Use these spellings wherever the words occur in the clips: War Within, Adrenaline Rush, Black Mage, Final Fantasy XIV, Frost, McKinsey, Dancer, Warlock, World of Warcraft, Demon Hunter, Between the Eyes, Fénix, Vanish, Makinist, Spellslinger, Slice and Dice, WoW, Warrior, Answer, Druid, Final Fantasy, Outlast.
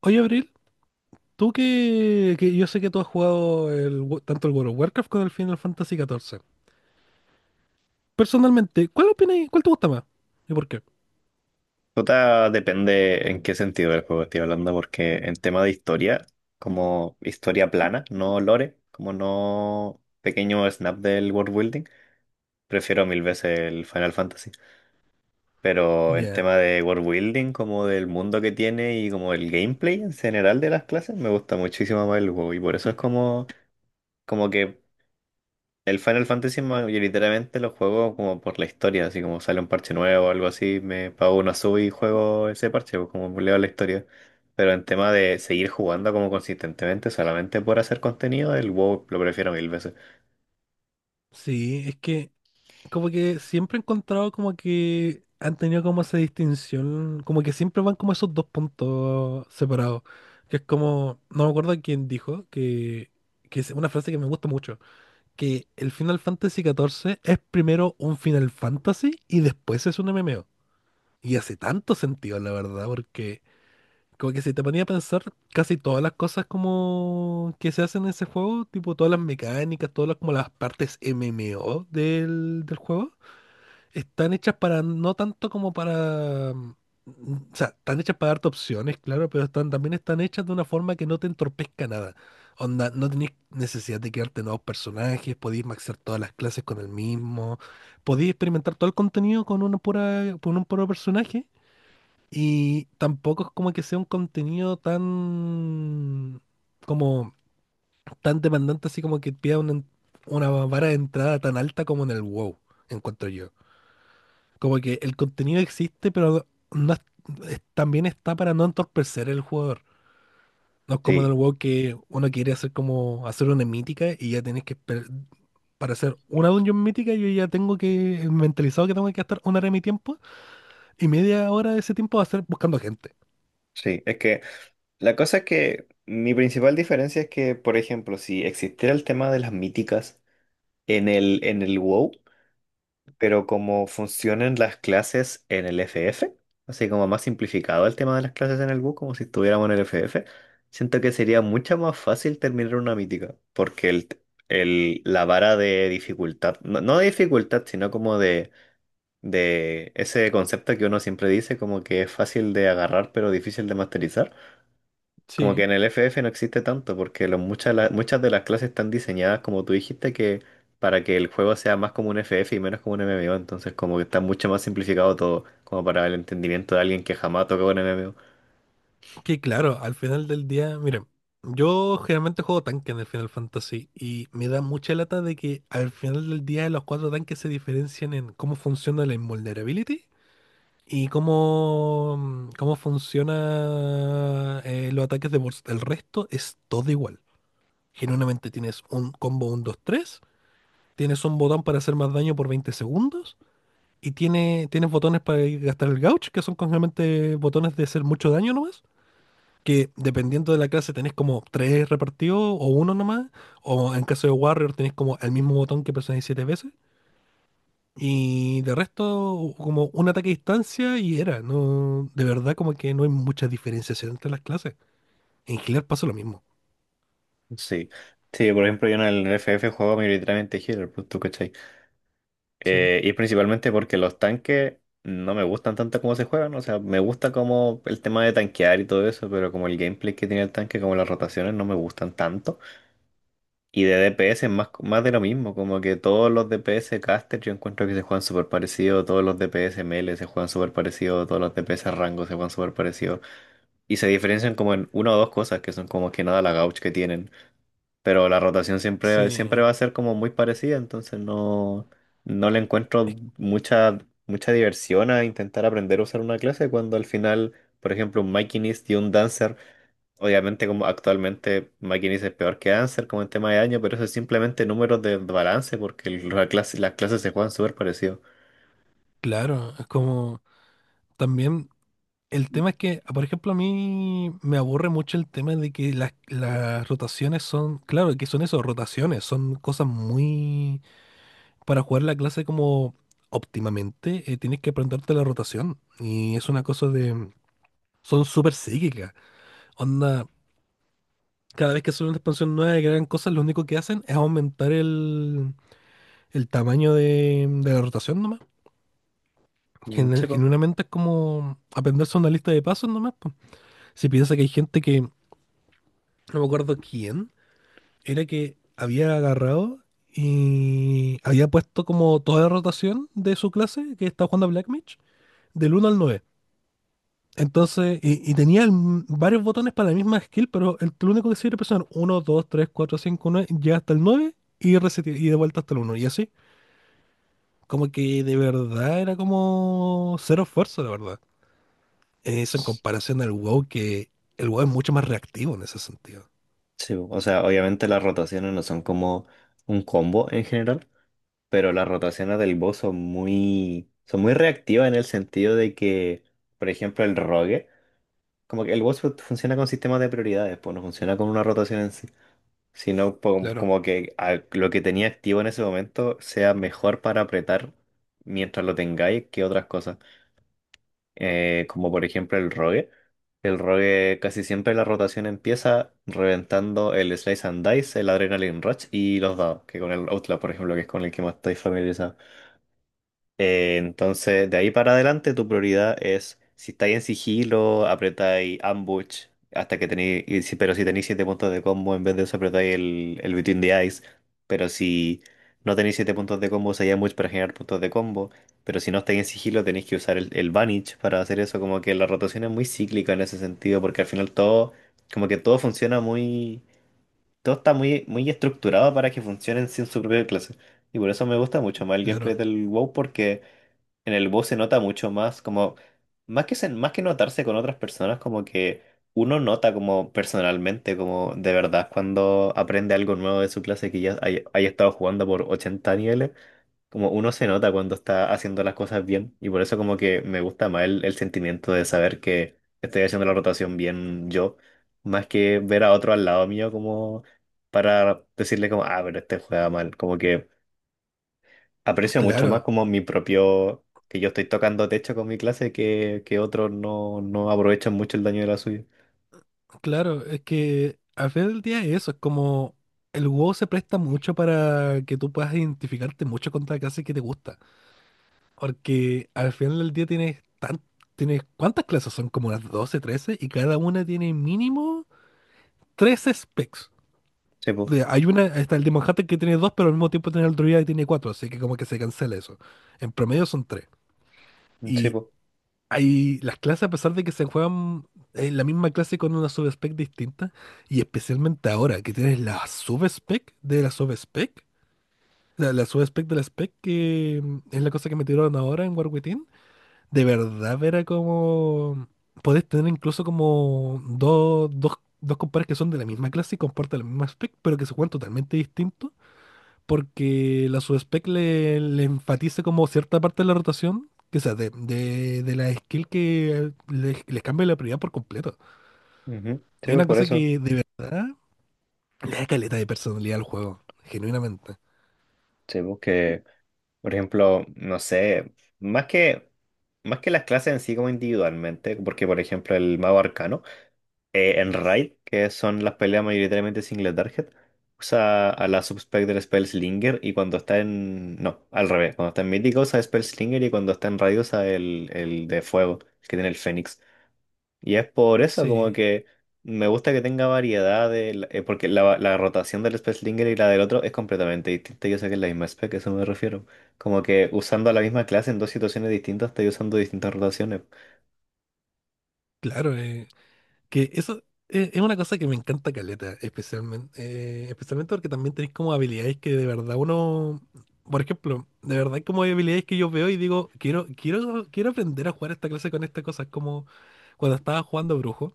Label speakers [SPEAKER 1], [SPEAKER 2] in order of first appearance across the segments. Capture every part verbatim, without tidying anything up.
[SPEAKER 1] Oye, Abril, tú que, que yo sé que tú has jugado el wo- tanto el World of Warcraft como el Final Fantasy catorce. Personalmente, ¿cuál opinas? ¿Y cuál te gusta más? ¿Y por qué?
[SPEAKER 2] Tota, depende en qué sentido del juego estoy hablando, porque en tema de historia, como historia plana, no lore, como no pequeño snap del world building, prefiero mil veces el Final Fantasy. Pero en
[SPEAKER 1] Ya.
[SPEAKER 2] tema de world building, como del mundo que tiene y como el gameplay en general de las clases, me gusta muchísimo más el juego y por eso es como, como que el Final Fantasy mayoritariamente lo juego como por la historia, así como sale un parche nuevo o algo así, me pago una sub y juego ese parche, pues como leo la historia. Pero en tema de seguir jugando como consistentemente solamente por hacer contenido, el WoW lo prefiero mil veces.
[SPEAKER 1] Sí, es que como que siempre he encontrado como que han tenido como esa distinción, como que siempre van como esos dos puntos separados, que es como, no me acuerdo quién dijo, que, que es una frase que me gusta mucho, que el Final Fantasy catorce es primero un Final Fantasy y después es un M M O. Y hace tanto sentido, la verdad, porque como que si te ponía a pensar casi todas las cosas como que se hacen en ese juego, tipo todas las mecánicas, todas las, como las partes M M O del, del juego, están hechas para, no tanto como para, mm, o sea, están hechas para darte opciones, claro, pero están, también están hechas de una forma que no te entorpezca nada. Onda, no tenés necesidad de crearte nuevos personajes, podéis maxear todas las clases con el mismo, podéis experimentar todo el contenido con una pura, con un puro personaje. Y tampoco es como que sea un contenido tan como tan demandante, así como que pida una, en- una vara de entrada tan alta como en el WoW, encuentro yo. Como que el contenido existe, pero no es- es- también está para no entorpecer el jugador. No es como en el
[SPEAKER 2] Sí,
[SPEAKER 1] WoW que uno quiere hacer como hacer una mítica y ya tienes que esper- para hacer una dungeon mítica, yo ya tengo que mentalizado que tengo que gastar una hora de mi tiempo y media hora de ese tiempo va a ser buscando gente.
[SPEAKER 2] sí, es que la cosa es que mi principal diferencia es que, por ejemplo, si existiera el tema de las míticas en el, en el WoW, pero como funcionan las clases en el F F, así como más simplificado el tema de las clases en el bus, como si estuviéramos en el F F, siento que sería mucho más fácil terminar una mítica, porque el, el- la vara de dificultad, no, no de dificultad, sino como de, de ese concepto que uno siempre dice, como que es fácil de agarrar pero difícil de masterizar. Como que
[SPEAKER 1] Sí.
[SPEAKER 2] en el F F no existe tanto, porque lo- muchas, la- muchas de las clases están diseñadas, como tú dijiste, que para que el juego sea más como un F F y menos como un M M O, entonces como que está mucho más simplificado todo, como para el entendimiento de alguien que jamás tocó un M M O.
[SPEAKER 1] Que claro, al final del día, miren, yo generalmente juego tanque en el Final Fantasy y me da mucha lata de que al final del día los cuatro tanques se diferencian en cómo funciona la invulnerability y cómo, cómo funciona eh, los ataques de burst. El resto es todo igual. Genuinamente tienes un combo uno, dos tres, tienes un botón para hacer más daño por veinte segundos y tiene, tienes botones para gastar el gauge, que son generalmente botones de hacer mucho daño nomás, que dependiendo de la clase tenés como tres repartidos o uno nomás, o en caso de Warrior tenés como el mismo botón que presionáis siete veces, y de resto como un ataque a distancia y era, no, de verdad como que no hay mucha diferenciación entre las clases. En Healer pasa lo mismo.
[SPEAKER 2] Sí. Sí, por ejemplo, yo en el F F juego mayoritariamente healer, pues tú cachai.
[SPEAKER 1] Sí,
[SPEAKER 2] Eh, y principalmente porque los tanques no me gustan tanto como se juegan, o sea, me gusta como el tema de tanquear y todo eso, pero como el gameplay que tiene el tanque, como las rotaciones no me gustan tanto. Y de D P S es más, más de lo mismo, como que todos los D P S caster yo encuentro que se juegan súper parecido, todos los D P S melee se juegan súper parecido, todos los D P S rango se juegan súper parecido. Y se diferencian como en una o dos cosas, que son como que nada la gauch que tienen. Pero la rotación siempre, siempre
[SPEAKER 1] sí,
[SPEAKER 2] va a ser como muy parecida, entonces no, no le encuentro
[SPEAKER 1] es
[SPEAKER 2] mucha, mucha diversión a intentar aprender a usar una clase cuando al final, por ejemplo, un Makinist y un Dancer. Obviamente, como actualmente McKinsey es peor que Answer como en tema de año, pero eso es simplemente números de balance porque el- la clase- las clases se juegan súper parecido.
[SPEAKER 1] claro, es como también... El tema es que, por ejemplo, a mí me aburre mucho el tema de que las, las rotaciones son, claro, que son eso, rotaciones, son cosas muy para jugar la clase como óptimamente, eh, tienes que aprenderte la rotación. Y es una cosa de... Son súper psíquicas. Onda, cada vez que sale una expansión nueva y que hagan cosas, lo único que hacen es aumentar el, el tamaño de, de la rotación nomás.
[SPEAKER 2] Mm, sí,
[SPEAKER 1] Genu-
[SPEAKER 2] po.
[SPEAKER 1] Genuinamente es como aprenderse una lista de pasos nomás, po. Si piensas que hay gente que, no me acuerdo quién, era que había agarrado y había puesto como toda la rotación de su clase que estaba jugando a Black Mage, del uno al nueve. Entonces, y, y tenía el varios botones para la misma skill, pero el, lo único que sirve presionar uno, dos, tres, cuatro, cinco, nueve, llega hasta el nueve y, reseti- y de vuelta hasta el uno. Y así, como que de verdad era como cero esfuerzo, la verdad. Eso en comparación al WoW, que el WoW es mucho más reactivo en ese sentido.
[SPEAKER 2] Sí, po. O sea, obviamente las rotaciones no son como un combo en general, pero las rotaciones del boss son muy, son muy reactivas en el sentido de que, por ejemplo, el rogue, como que el boss fu- funciona con sistemas de prioridades, pues no funciona con una rotación en sí. Sino po-
[SPEAKER 1] Claro.
[SPEAKER 2] como que a- lo que tenía activo en ese momento sea mejor para apretar mientras lo tengáis que otras cosas. Eh, como por ejemplo el rogue. El rogue casi siempre la rotación empieza reventando el Slice and Dice, el Adrenaline Rush y los dados, que con el Outlast, por ejemplo, que es con el que más estáis familiarizado. Eh, entonces, de ahí para adelante, tu prioridad es si estáis en sigilo, apretáis ambush hasta que tenéis. y si- Pero si tenéis siete puntos de combo, en vez de eso apretáis el, el Between the Eyes. Pero si no tenéis siete puntos de combo, usáis ambush para generar puntos de combo. Pero si no estáis en sigilo, tenéis que usar el, el Vanish para hacer eso. Como que la rotación es muy cíclica en ese sentido, porque al final todo. Como que todo funciona muy. Todo está muy, muy estructurado para que funcionen sin su propia clase. Y por eso me gusta mucho más el gameplay
[SPEAKER 1] Claro,
[SPEAKER 2] del WoW, en el bus se nota mucho más, como, más que, se- más que notarse con otras personas, como que uno nota como personalmente, como de verdad, cuando aprende algo nuevo de su clase que ya hay- haya, estado jugando por ochenta niveles, como uno se nota cuando está haciendo las cosas bien, y por eso como que me gusta más el, el sentimiento de saber que estoy haciendo la rotación bien yo, más que ver a otro al lado mío como para decirle como, ah, pero este juega mal, como que aprecio mucho más
[SPEAKER 1] claro,
[SPEAKER 2] como mi propio, que yo estoy tocando techo con mi clase que, que otros no, no aprovechan mucho el daño de la suya.
[SPEAKER 1] claro. Es que al final del día eso, es como el WoW se presta mucho para que tú puedas identificarte mucho contra la clase que te gusta. Porque al final del día tienes tan, tienes ¿cuántas clases son? Como las doce trece y cada una tiene mínimo tres specs.
[SPEAKER 2] Sí,
[SPEAKER 1] O
[SPEAKER 2] pues,
[SPEAKER 1] sea, hay una, está el Demon Hunter que tiene dos, pero al mismo tiempo tiene el Druida que tiene cuatro, así que como que se cancela eso. En promedio son tres.
[SPEAKER 2] sí,
[SPEAKER 1] Y
[SPEAKER 2] pues,
[SPEAKER 1] hay las clases, a pesar de que se juegan en la misma clase con una subspec distinta, y especialmente ahora que tienes la subspec de la subspec, la, la subspec de la spec, que mm, es la cosa que me tiraron ahora en War Within. De verdad, era como... Podés tener incluso como dos, dos, dos compadres que son de la misma clase y comparten la misma spec, pero que se juegan totalmente distintos, porque la subspec le, le enfatiza como cierta parte de la rotación, que sea, de, de, de la skill que les, les cambia la prioridad por completo.
[SPEAKER 2] ujú, sí,
[SPEAKER 1] Y
[SPEAKER 2] pues,
[SPEAKER 1] una
[SPEAKER 2] por
[SPEAKER 1] cosa
[SPEAKER 2] eso.
[SPEAKER 1] que de verdad le da caleta de personalidad al juego, genuinamente.
[SPEAKER 2] Sí, pues que, por ejemplo, no sé, más que, más que las clases en sí como individualmente, porque por ejemplo el mago arcano. Eh, en Raid, que son las peleas mayoritariamente single target, usa a la subspec del Spellslinger y cuando está en... No, al revés. Cuando está en mítico usa Spellslinger y cuando está en Raid usa el, el de fuego, el que tiene el Fénix. Y es por eso como
[SPEAKER 1] Sí,
[SPEAKER 2] que me gusta que tenga variedad de... la- eh, porque la, la rotación del Spellslinger y la del otro es completamente distinta. Yo sé que es la misma spec, a eso me refiero. Como que usando a la misma clase en dos situaciones distintas, estoy usando distintas rotaciones.
[SPEAKER 1] claro, eh, Que eso es, es una cosa que me encanta caleta, especialmente, eh, especialmente porque también tenéis como habilidades que de verdad uno, por ejemplo, de verdad hay como habilidades que yo veo y digo, quiero, quiero, quiero aprender a jugar esta clase con estas cosas, como cuando estaba jugando brujo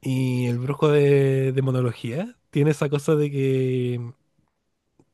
[SPEAKER 1] y el brujo de, de monología tiene esa cosa de que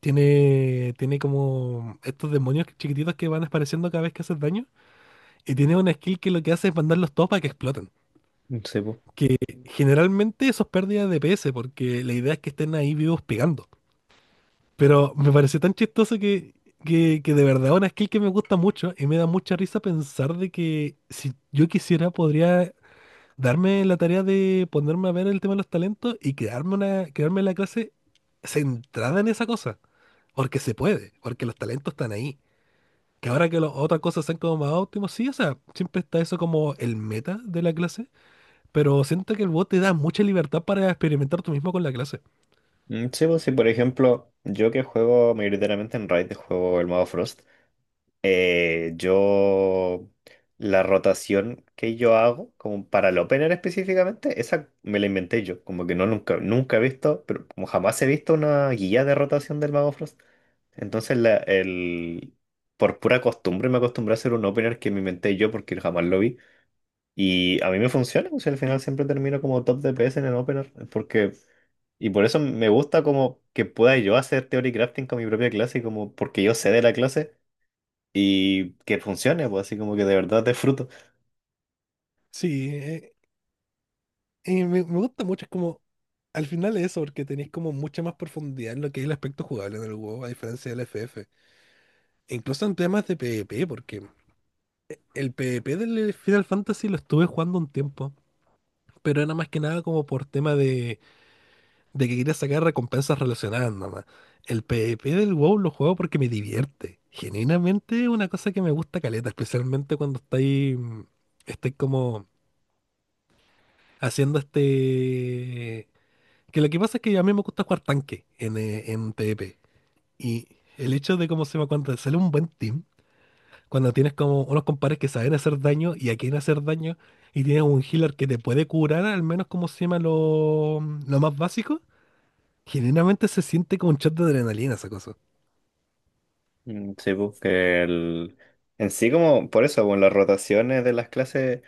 [SPEAKER 1] tiene, tiene como estos demonios chiquititos que van apareciendo cada vez que haces daño y tiene una skill que lo que hace es mandarlos todos para que exploten.
[SPEAKER 2] Sí, po.
[SPEAKER 1] Que generalmente eso es pérdida de P S, porque la idea es que estén ahí vivos pegando. Pero me pareció tan chistoso que, que, que de verdad una skill que me gusta mucho y me da mucha risa pensar de que si yo quisiera podría darme la tarea de ponerme a ver el tema de los talentos y crearme una, crearme la clase centrada en esa cosa. Porque se puede, porque los talentos están ahí. Que ahora que las otras cosas sean como más óptimos, sí, o sea, siempre está eso como el meta de la clase, pero siento que el bot te da mucha libertad para experimentar tú mismo con la clase.
[SPEAKER 2] Mm, sí, pues sí, por ejemplo, yo que juego mayoritariamente en Raid, juego el modo Frost, eh, yo la rotación que yo hago, como para el opener específicamente, esa me la inventé yo, como que no nunca, nunca he visto, pero como jamás he visto una guía de rotación del mago Frost. Entonces, la, el, por pura costumbre me acostumbré a hacer un opener que me inventé yo porque jamás lo vi. Y a mí me funciona, o sea, al final siempre termino como top D P S en el opener, porque... Y por eso me gusta como que pueda yo hacer theory crafting con mi propia clase, como porque yo sé de la clase y que funcione, pues así como que de verdad disfruto.
[SPEAKER 1] Sí, eh, y me, me gusta mucho, es como, al final es eso, porque tenéis como mucha más profundidad en lo que es el aspecto jugable en el WoW, a diferencia del F F. E incluso en temas de P v P, porque el P v P del Final Fantasy lo estuve jugando un tiempo, pero era más que nada como por tema de, de que quería sacar recompensas relacionadas nada más. El PvP del WoW lo juego porque me divierte. Genuinamente es una cosa que me gusta caleta, especialmente cuando estáis, mm, estáis como haciendo este... Que lo que pasa es que a mí me gusta jugar tanque en, eh, en P v P. Y el hecho de cómo se llama cuando te sale un buen team, cuando tienes como unos compares que saben hacer daño y a quién hacer daño, y tienes un healer que te puede curar, al menos como se llama lo, lo más básico, generalmente se siente como un shot de adrenalina esa cosa.
[SPEAKER 2] Mm, sí, pues que el... En sí como, por eso, con las rotaciones de las clases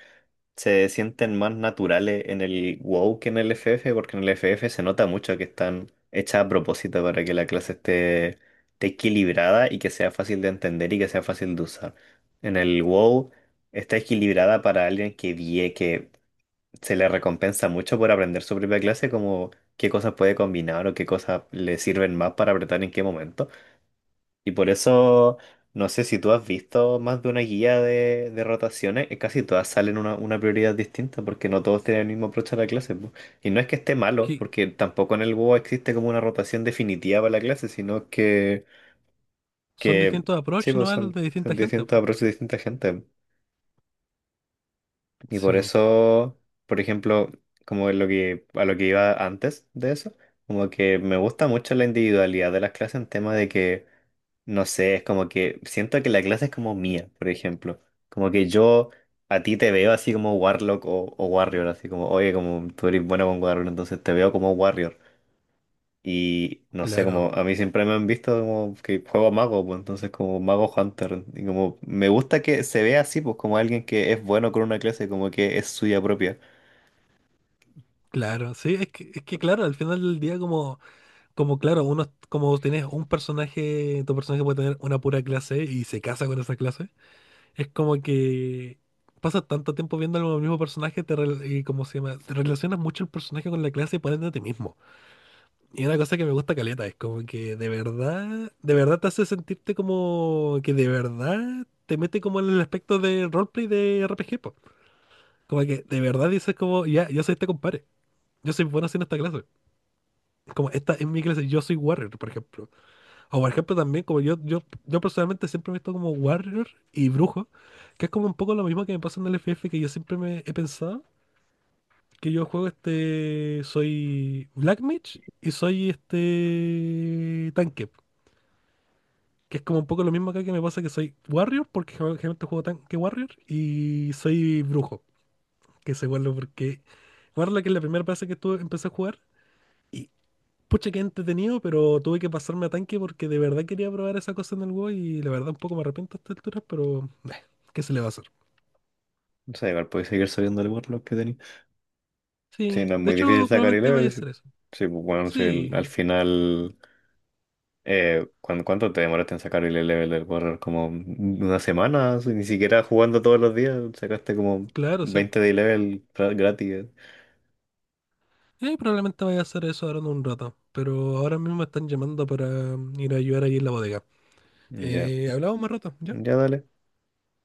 [SPEAKER 2] se sienten más naturales en el WoW que en el F F, porque en el F F se nota mucho que están hechas a propósito para que la clase esté, esté equilibrada y que sea fácil de entender y que sea fácil de usar. En el WoW está equilibrada para alguien que vie, que se le recompensa mucho por aprender su propia clase, como qué cosas puede combinar o qué cosas le sirven más para apretar en qué momento. Y por eso, no sé si tú has visto más de una guía de, de rotaciones, eh, casi todas salen una, una prioridad distinta porque no todos tienen el mismo approach a la clase. Po. Y no es que esté malo,
[SPEAKER 1] Que
[SPEAKER 2] porque tampoco en el WoW existe como una rotación definitiva para la clase, sino que,
[SPEAKER 1] son
[SPEAKER 2] que
[SPEAKER 1] distintos approach
[SPEAKER 2] sí, pues
[SPEAKER 1] nomás
[SPEAKER 2] son,
[SPEAKER 1] de distinta
[SPEAKER 2] son
[SPEAKER 1] gente,
[SPEAKER 2] distintos
[SPEAKER 1] pues.
[SPEAKER 2] approaches de distinta gente. Y por
[SPEAKER 1] Sí,
[SPEAKER 2] eso, por ejemplo, como lo que, a lo que iba antes de eso, como que me gusta mucho la individualidad de las clases en tema de que, no sé, es como que siento que la clase es como mía, por ejemplo. Como que yo a ti te veo así como Warlock o, o Warrior, así como, oye, como tú eres bueno con Warrior, entonces te veo como Warrior. Y no sé, como
[SPEAKER 1] claro,
[SPEAKER 2] a mí siempre me han visto como que juego mago, pues entonces como mago hunter. Y como me gusta que se vea así, pues como alguien que es bueno con una clase, como que es suya propia.
[SPEAKER 1] claro. Sí, es que, es que claro, al final del día como... Como claro, uno, como tienes un personaje, tu personaje puede tener una pura clase y se casa con esa clase. Es como que pasas tanto tiempo viendo al mismo personaje te rel- y como se llama, te relacionas mucho el personaje con la clase y pones de ti mismo. Y una cosa que me gusta caleta es como que de verdad, de verdad te hace sentirte como que de verdad te mete como en el aspecto de roleplay de R P G, po. Como que de verdad dices como, ya, yo soy este compadre. Yo soy bueno haciendo esta clase. Como esta es mi clase, yo soy Warrior, por ejemplo. O por ejemplo también, como yo, yo, yo personalmente siempre me he visto como Warrior y Brujo, que es como un poco lo mismo que me pasa en el F F, que yo siempre me he pensado que yo juego este, soy Black Mage y soy este tanque, que es como un poco lo mismo acá que me pasa que soy Warrior, porque gen- generalmente juego tanque Warrior, y soy Brujo, que se vuelve porque Warlock es la primera clase que tú empecé a jugar. Y pucha, qué entretenido, pero tuve que pasarme a tanque porque de verdad quería probar esa cosa en el WoW y la verdad un poco me arrepiento a esta altura, pero eh, ¿qué se le va a hacer?
[SPEAKER 2] No sé, igual podéis seguir subiendo el warlock que tenía. Sí,
[SPEAKER 1] Sí,
[SPEAKER 2] no es
[SPEAKER 1] de
[SPEAKER 2] muy
[SPEAKER 1] hecho
[SPEAKER 2] difícil sacar el
[SPEAKER 1] probablemente vaya a
[SPEAKER 2] level. Sí,
[SPEAKER 1] hacer eso.
[SPEAKER 2] sí, pues bueno, sí, el- al
[SPEAKER 1] Sí,
[SPEAKER 2] final. Eh, ¿cuán- ¿cuánto te demoraste en sacar el level del warlock? Como una semana, así, ni siquiera jugando todos los días, sacaste como
[SPEAKER 1] claro, sí.
[SPEAKER 2] veinte de level gra- gratis. eh.
[SPEAKER 1] Eh, probablemente vaya a hacer eso ahora en un rato, pero ahora mismo me están llamando para mm, ir a ayudar ahí en la bodega.
[SPEAKER 2] Ya,
[SPEAKER 1] Eh, hablamos más rato, ¿ya?
[SPEAKER 2] ya dale.